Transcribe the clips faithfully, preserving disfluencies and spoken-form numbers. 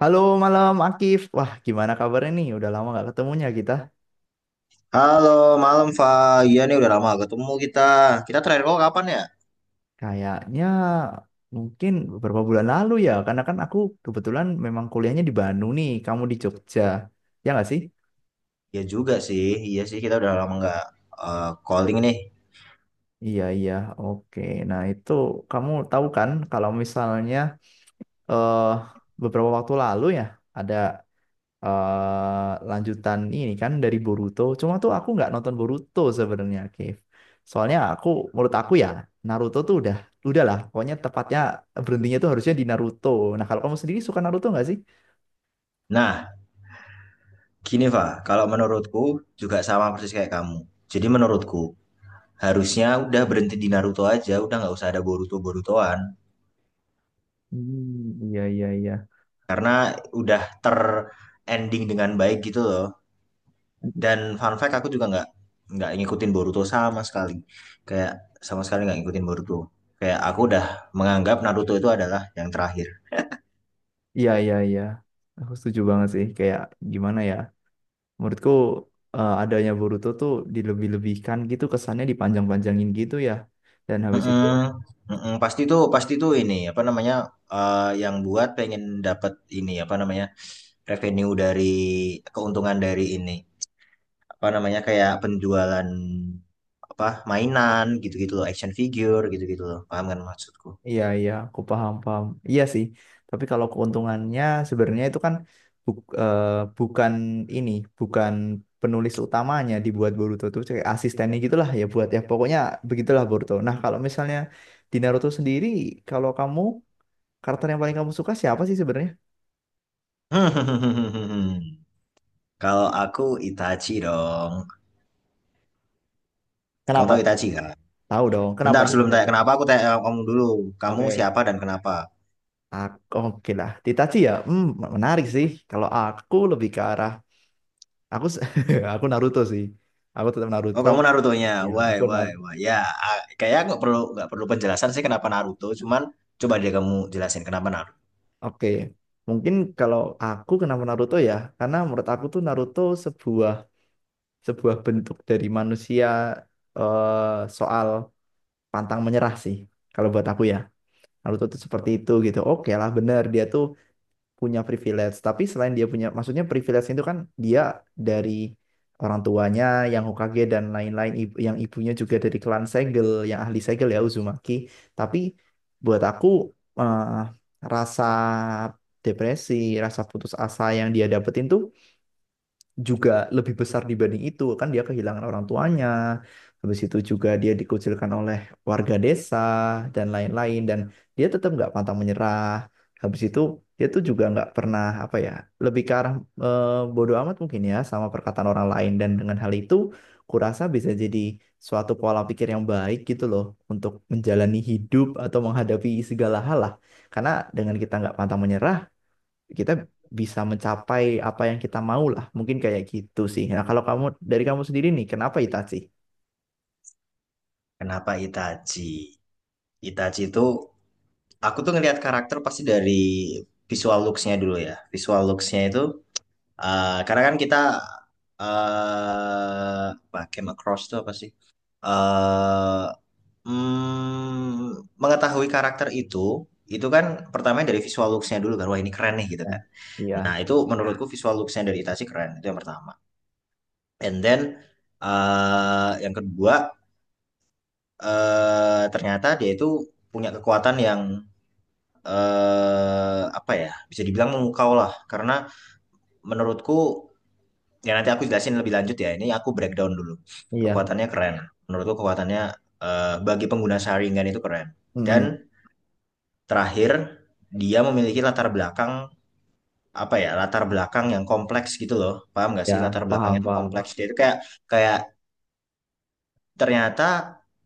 Halo malam Akif, wah gimana kabarnya nih? Udah lama gak ketemunya kita. Halo, malam Fa. Iya nih udah lama gak ketemu kita. Kita terakhir call kapan ya? Kayaknya mungkin beberapa bulan lalu ya, karena kan aku kebetulan memang kuliahnya di Bandung nih, kamu di Jogja, ya nggak sih? Iya juga sih. Iya sih kita udah lama nggak eh, calling nih. Iya iya, oke. Nah itu kamu tahu kan kalau misalnya eh beberapa waktu lalu ya ada eh, lanjutan ini kan dari Boruto. Cuma tuh aku nggak nonton Boruto sebenarnya, Kev. Soalnya aku, menurut aku ya, Naruto tuh udah, udah lah. Pokoknya tepatnya berhentinya tuh harusnya di Naruto. Nah kalau kamu sendiri suka Naruto nggak sih? Nah, gini Fa. Kalau menurutku juga sama persis kayak kamu. Jadi menurutku harusnya udah berhenti di Naruto aja. Udah nggak usah ada Boruto Borutoan. Hmm, iya iya iya Karena udah terending dengan baik gitu loh. Dan fun fact aku juga nggak nggak ngikutin Boruto sama sekali. Kayak sama sekali nggak ngikutin Boruto. Kayak aku udah menganggap Naruto itu adalah yang terakhir. iya iya iya. Aku setuju banget sih. Kayak gimana ya? Menurutku eh, adanya Boruto tuh dilebih-lebihkan gitu kesannya dipanjang-panjangin gitu ya. Dan habis itu. Heeh, heeh, pasti tuh pasti tuh ini apa namanya, eh, yang buat pengen dapat ini apa namanya revenue dari keuntungan dari ini apa namanya, kayak penjualan apa, mainan gitu-gitu loh, action figure gitu-gitu loh, paham kan maksudku? Iya, iya, aku paham, paham. Iya sih, tapi kalau keuntungannya sebenarnya itu kan buk- eh, bukan ini, bukan penulis utamanya dibuat Boruto tuh kayak asistennya gitulah ya buat ya pokoknya begitulah Boruto. Nah, kalau misalnya di Naruto sendiri, kalau kamu karakter yang paling kamu suka siapa sih sebenarnya? Kalau aku Itachi dong. Kamu Kenapa? tahu Itachi kan? Tahu dong, kenapa Bentar, tuh sebelum bisa tanya itu? kenapa, aku tanya kamu dulu. Kamu Oke. siapa dan kenapa? Aku, oke lah, Itachi ya, hmm, menarik sih. Kalau aku lebih ke arah, aku, se- aku Naruto sih. Aku tetap Oh, Naruto. kamu Naruto-nya, Ya, why aku. why why ya, ah, kayak nggak perlu nggak perlu penjelasan sih kenapa Naruto, cuman coba deh kamu jelasin kenapa Naruto, Oke, mungkin kalau aku kenapa Naruto ya, karena menurut aku tuh Naruto sebuah sebuah bentuk dari manusia eh, soal pantang menyerah sih. Kalau buat aku ya, Naruto tuh seperti itu gitu. Oke lah, bener dia tuh punya privilege. Tapi selain dia punya, maksudnya privilege itu kan dia dari orang tuanya yang Hokage dan lain-lain, ibu- yang ibunya juga dari klan segel, yang ahli segel ya Uzumaki. Tapi buat aku eh, rasa depresi, rasa putus asa yang dia dapetin tuh juga lebih besar dibanding itu kan dia kehilangan orang tuanya, habis itu juga dia dikucilkan oleh warga desa dan lain-lain, dan dia tetap nggak pantang menyerah. Habis itu dia tuh juga nggak pernah apa ya, lebih ke arah eh, bodoh amat mungkin ya sama perkataan orang lain, dan dengan hal itu kurasa bisa jadi suatu pola pikir yang baik gitu loh untuk menjalani hidup atau menghadapi segala hal lah, karena dengan kita nggak pantang menyerah kita bisa mencapai apa yang kita mau lah. Mungkin kayak gitu sih. Nah, kalau kamu dari kamu sendiri nih, kenapa Itachi? kenapa Itachi. Itachi itu, aku tuh ngelihat karakter pasti dari visual looks-nya dulu ya, visual looks-nya itu, ah, karena kan kita eh pakai macross tuh apa sih? Eh mm, mengetahui karakter itu, itu kan pertamanya dari visual looks-nya dulu kan, wah ini keren nih gitu Ya, kan. Nah iya, itu, Hmm. menurutku visual looks-nya dari Itachi keren, itu yang pertama. And then eh, yang kedua, eh, ternyata dia itu punya kekuatan yang eh apa ya, bisa dibilang memukau lah. Karena menurutku, ya nanti aku jelasin lebih lanjut ya, ini aku breakdown dulu. iya, Kekuatannya keren, menurutku kekuatannya eh, bagi pengguna Sharingan itu keren. Dan mm-mm, terakhir, dia memiliki latar belakang apa ya? Latar belakang yang kompleks gitu loh. Paham nggak sih ya, latar belakangnya paham, itu paham. kompleks. Dia itu kayak kayak ternyata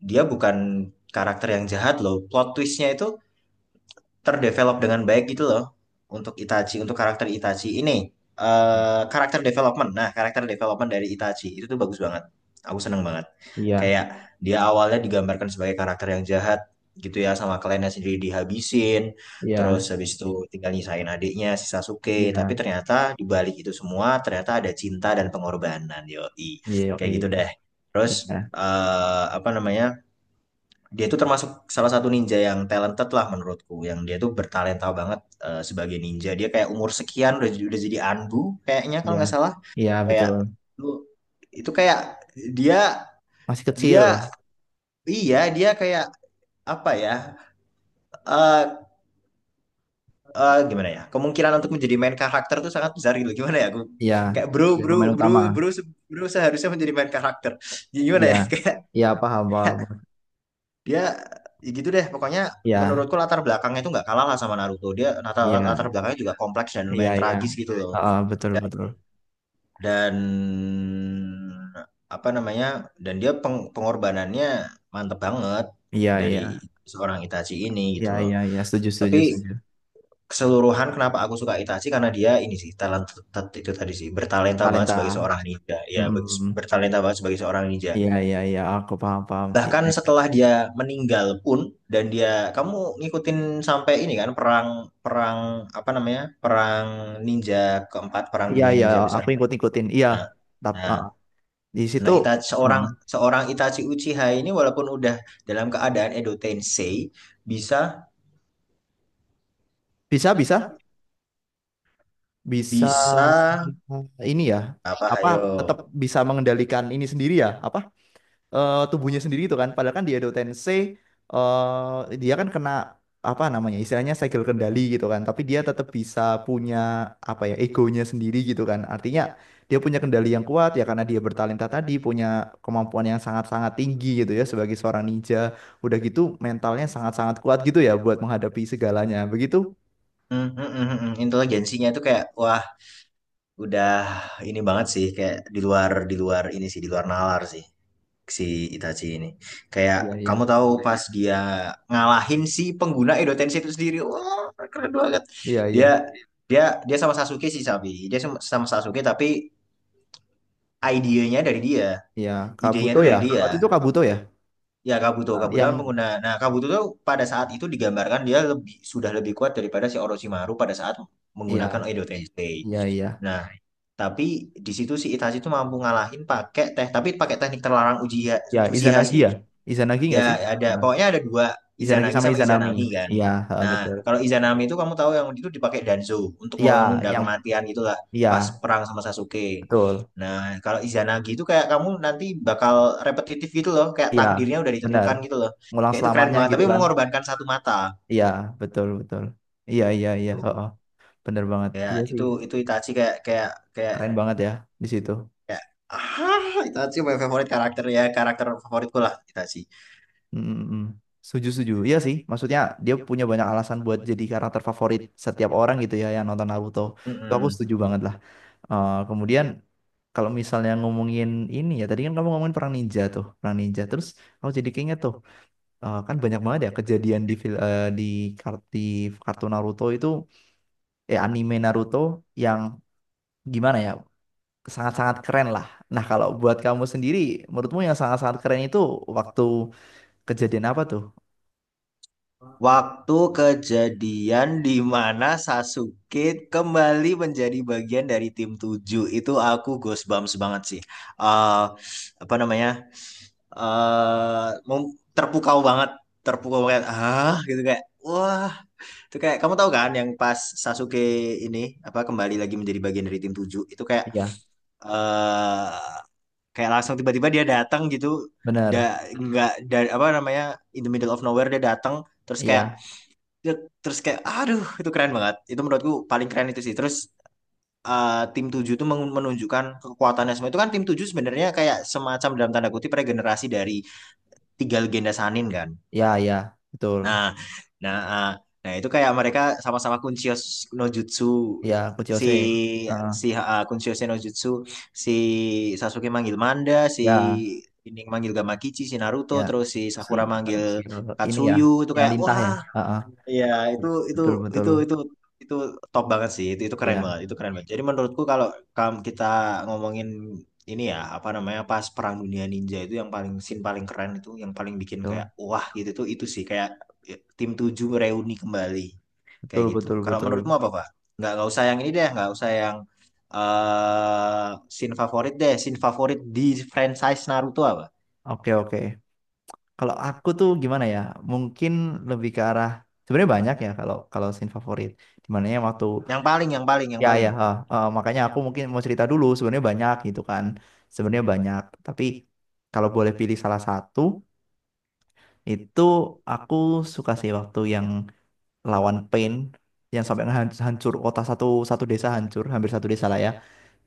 dia bukan karakter yang jahat loh. Plot twistnya itu terdevelop dengan baik gitu loh untuk Itachi, untuk karakter Itachi ini. eh karakter development. Nah, karakter development dari Itachi itu tuh bagus banget. Aku seneng banget. Iya, Kayak dia awalnya digambarkan sebagai karakter yang jahat gitu ya, sama kliennya sendiri dihabisin, iya, terus habis itu tinggal nyisain adiknya si Sasuke, tapi iya, ternyata di balik itu semua ternyata ada cinta dan pengorbanan, yoi. iya, Kayak yoi. gitu deh. Terus Iya, eh apa namanya? Dia itu termasuk salah satu ninja yang talented lah, menurutku yang dia tuh bertalenta banget eh, sebagai ninja. Dia kayak umur sekian udah jadi- udah jadi anbu, kayaknya kalau iya, nggak salah. iya, Kayak betul. lu, itu kayak dia Masih kecil, dia iya, dia kayak apa ya, eh eh, gimana ya, kemungkinan untuk menjadi main karakter tuh sangat besar gitu. Gimana ya, aku iya, kayak, bro jadi bro pemain bro utama, bro se- bro seharusnya menjadi main karakter. Gimana iya, ya? iya, paham, paham, Dia, ya gitu deh, pokoknya iya, menurutku latar belakangnya itu nggak kalah lah sama Naruto. Dia latar, iya, latar belakangnya juga kompleks dan iya, lumayan iya, tragis gitu loh. heeh, betul, Dan betul, dan apa namanya? Dan dia peng- pengorbanannya mantep banget iya, iya, dari seorang Itachi ini iya, gitu loh. iya, iya, setuju, Tapi setuju, setuju. keseluruhan kenapa aku suka Itachi karena dia ini sih talent, itu tadi sih, bertalenta banget sebagai Talenta, seorang ninja. Ya, be- mm-mm. bertalenta banget sebagai seorang ninja. Iya, iya, iya, aku paham, paham. I- Bahkan i- setelah dia meninggal pun, dan dia, kamu ngikutin sampai ini kan, perang perang apa namanya? Perang ninja keempat, perang Iya, dunia iya, ninja besar. aku ikut-ikutin. Iya, Nah, tapi nah, di nah situ Ita- uh, seorang seorang Itachi Uchiha ini walaupun udah dalam keadaan Edo Tensei, bisa bisa, bisa, bisa bisa ini ya, apa apa ayo. tetap bisa mengendalikan ini sendiri ya? Apa eh, tubuhnya sendiri itu kan. Padahal kan di Edo Tensei eh, dia kan kena apa namanya istilahnya segel kendali gitu kan. Tapi dia tetap bisa punya apa ya egonya sendiri gitu kan. Artinya dia punya kendali yang kuat ya karena dia bertalenta tadi, punya kemampuan yang sangat-sangat tinggi gitu ya sebagai seorang ninja. Udah gitu mentalnya sangat-sangat kuat gitu ya buat menghadapi segalanya. Begitu? Hmm, hmm, hmm, hmm, hmm. Inteligensinya itu kayak wah, udah ini banget sih, kayak di luar di luar ini sih, di luar nalar sih si Itachi ini. Kayak, Iya iya kamu tahu pas dia ngalahin si pengguna Edo Tensei itu sendiri, wah, keren banget. iya iya Dia dia dia sama Sasuke sih, Sabi. Dia sama sama Sasuke, tapi idenya dari dia. iya. Idenya Kabuto itu ya. dari Waktu dia. itu Kabuto ya. Ya Kabuto, Kabuto kan Yang pengguna. Nah, Kabuto tuh pada saat itu digambarkan dia lebih sudah lebih kuat daripada si Orochimaru pada saat menggunakan iya Edo Tensei. iya iya. Nah, tapi di situ si Itachi itu mampu ngalahin pakai teh, tapi pakai teknik terlarang Uchiha, Ya Uchiha Izanagi sih. ya. Izanagi Ya, nggak sih? ada, pokoknya ada dua, Izanagi Izanagi sama sama Izanami. Izanami kan. Iya, heeh, Nah, betul. kalau Izanami itu kamu tahu, yang itu dipakai Danzo untuk Iya, menunda yang kematian gitulah, iya, pas perang sama Sasuke. betul. Nah, kalau Izanagi itu kayak kamu nanti bakal repetitif gitu loh, kayak Iya, takdirnya udah benar. ditentukan gitu loh. Ngulang Kayak itu keren selamanya banget, gitu tapi kan. mengorbankan satu mata. Iya, betul, betul. Iya, iya, iya, Tuh. heeh. Bener banget. Ya, Iya sih. itu itu Itachi kayak kayak kayak Keren banget ya di situ. kayak ah, Itachi my favorite karakter, ya, karakter favoritku lah Itachi. Mm-mm. Setuju, setuju. Iya sih, maksudnya dia punya banyak alasan buat jadi karakter favorit setiap orang gitu ya yang nonton Naruto. Itu aku Mm-mm. setuju banget lah. Eh, kemudian kalau misalnya ngomongin ini ya, tadi kan kamu ngomongin perang ninja tuh, perang ninja. Terus aku jadi keinget tuh. Eh, kan banyak banget ya kejadian di fil- eh, di kar- di kartu Naruto itu, eh anime Naruto, yang gimana ya sangat-sangat keren lah. Nah kalau buat kamu sendiri, menurutmu yang sangat-sangat keren itu waktu kejadian apa tuh? Waktu kejadian di mana Sasuke kembali menjadi bagian dari tim tujuh, itu aku goosebumps banget sih. Eh apa namanya? Eh mem- terpukau banget, terpukau banget. Ah, gitu kayak wah, itu kayak, kamu tahu kan yang pas Sasuke ini, apa, kembali lagi menjadi bagian dari tim tujuh, itu kayak Iya, eh kayak langsung tiba-tiba dia datang gitu. Da, bener. nggak, da, apa namanya, in the middle of nowhere dia datang, terus kayak, Iya, ya, terus kayak aduh, itu keren banget, itu menurutku paling keren itu sih. Terus eh, tim tujuh itu men- menunjukkan kekuatannya semua. Itu kan tim tujuh sebenarnya kayak semacam, dalam tanda kutip, regenerasi dari tiga legenda Sanin kan. ya, ya, betul. Nah nah eh, nah itu kayak mereka sama-sama Kunchio no Jutsu, Iya, si Kuchiyose. Heeh. si eh, Kunchio no Jutsu si Sasuke manggil Manda, si Ya, ini manggil Gamakichi si Naruto, ya. terus si Si Sakura kalau manggil panggil ini ya, Katsuyu, itu yang kayak lintah ya. wah. Heeh. Iya, itu itu Betul, betul. itu itu itu top banget sih. Itu itu keren Iya, banget. Itu keren banget. Jadi menurutku kalau kalau kita ngomongin ini ya, apa namanya, pas Perang Dunia Ninja itu, yang paling, scene paling keren itu, yang paling bikin kayak betul, wah gitu tuh, itu sih kayak, ya, tim tujuh reuni kembali, kayak betul, gitu. betul, Kalau menurutmu betul. apa, Pak? Nggak nggak usah yang ini deh, nggak usah yang, eh scene favorit deh. Scene favorit di franchise Naruto apa? Oke, oke. Kalau aku tuh gimana ya? Mungkin lebih ke arah, sebenarnya banyak ya kalau kalau scene favorit. Dimana ya waktu, Yang paling, yang paling, yang ya paling. ya ha, ha, makanya aku mungkin mau cerita dulu, sebenarnya banyak gitu kan. Sebenarnya banyak, tapi kalau boleh pilih salah satu itu, aku suka sih waktu yang lawan Pain, yang sampai ngehan- hancur kota, satu satu desa hancur, hampir satu desa lah ya.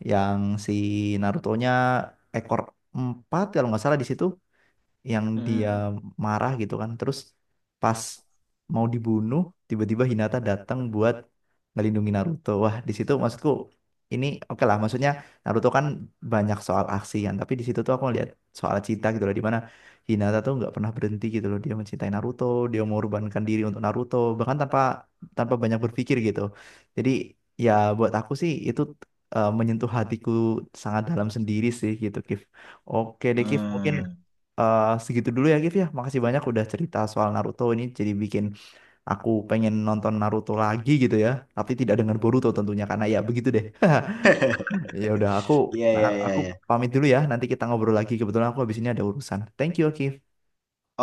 Yang si Naruto-nya ekor empat kalau nggak salah di situ, yang dia Mm-mm. marah gitu kan. Terus pas mau dibunuh, tiba-tiba Hinata datang buat ngelindungi Naruto. Wah, di situ maksudku ini oke lah, maksudnya Naruto kan banyak soal aksi kan, tapi di situ tuh aku lihat soal cinta gitu loh, di mana Hinata tuh nggak pernah berhenti gitu loh, dia mencintai Naruto, dia mengorbankan diri untuk Naruto, bahkan tanpa tanpa banyak berpikir gitu. Jadi ya buat aku sih itu eh, menyentuh hatiku sangat dalam sendiri sih gitu, Kif. Oke deh, Kif, mungkin. Hmm. Eh, segitu dulu ya Gif ya. Makasih banyak udah cerita soal Naruto ini, jadi bikin aku pengen nonton Naruto lagi gitu ya. Tapi tidak dengan Boruto tentunya, karena ya begitu deh. Ya udah, aku. Iya, nah, iya, iya, aku iya. pamit dulu ya. Nanti kita ngobrol lagi. Kebetulan aku habis ini ada urusan. Thank you, Gif.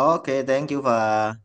Oke, thank you, Fa.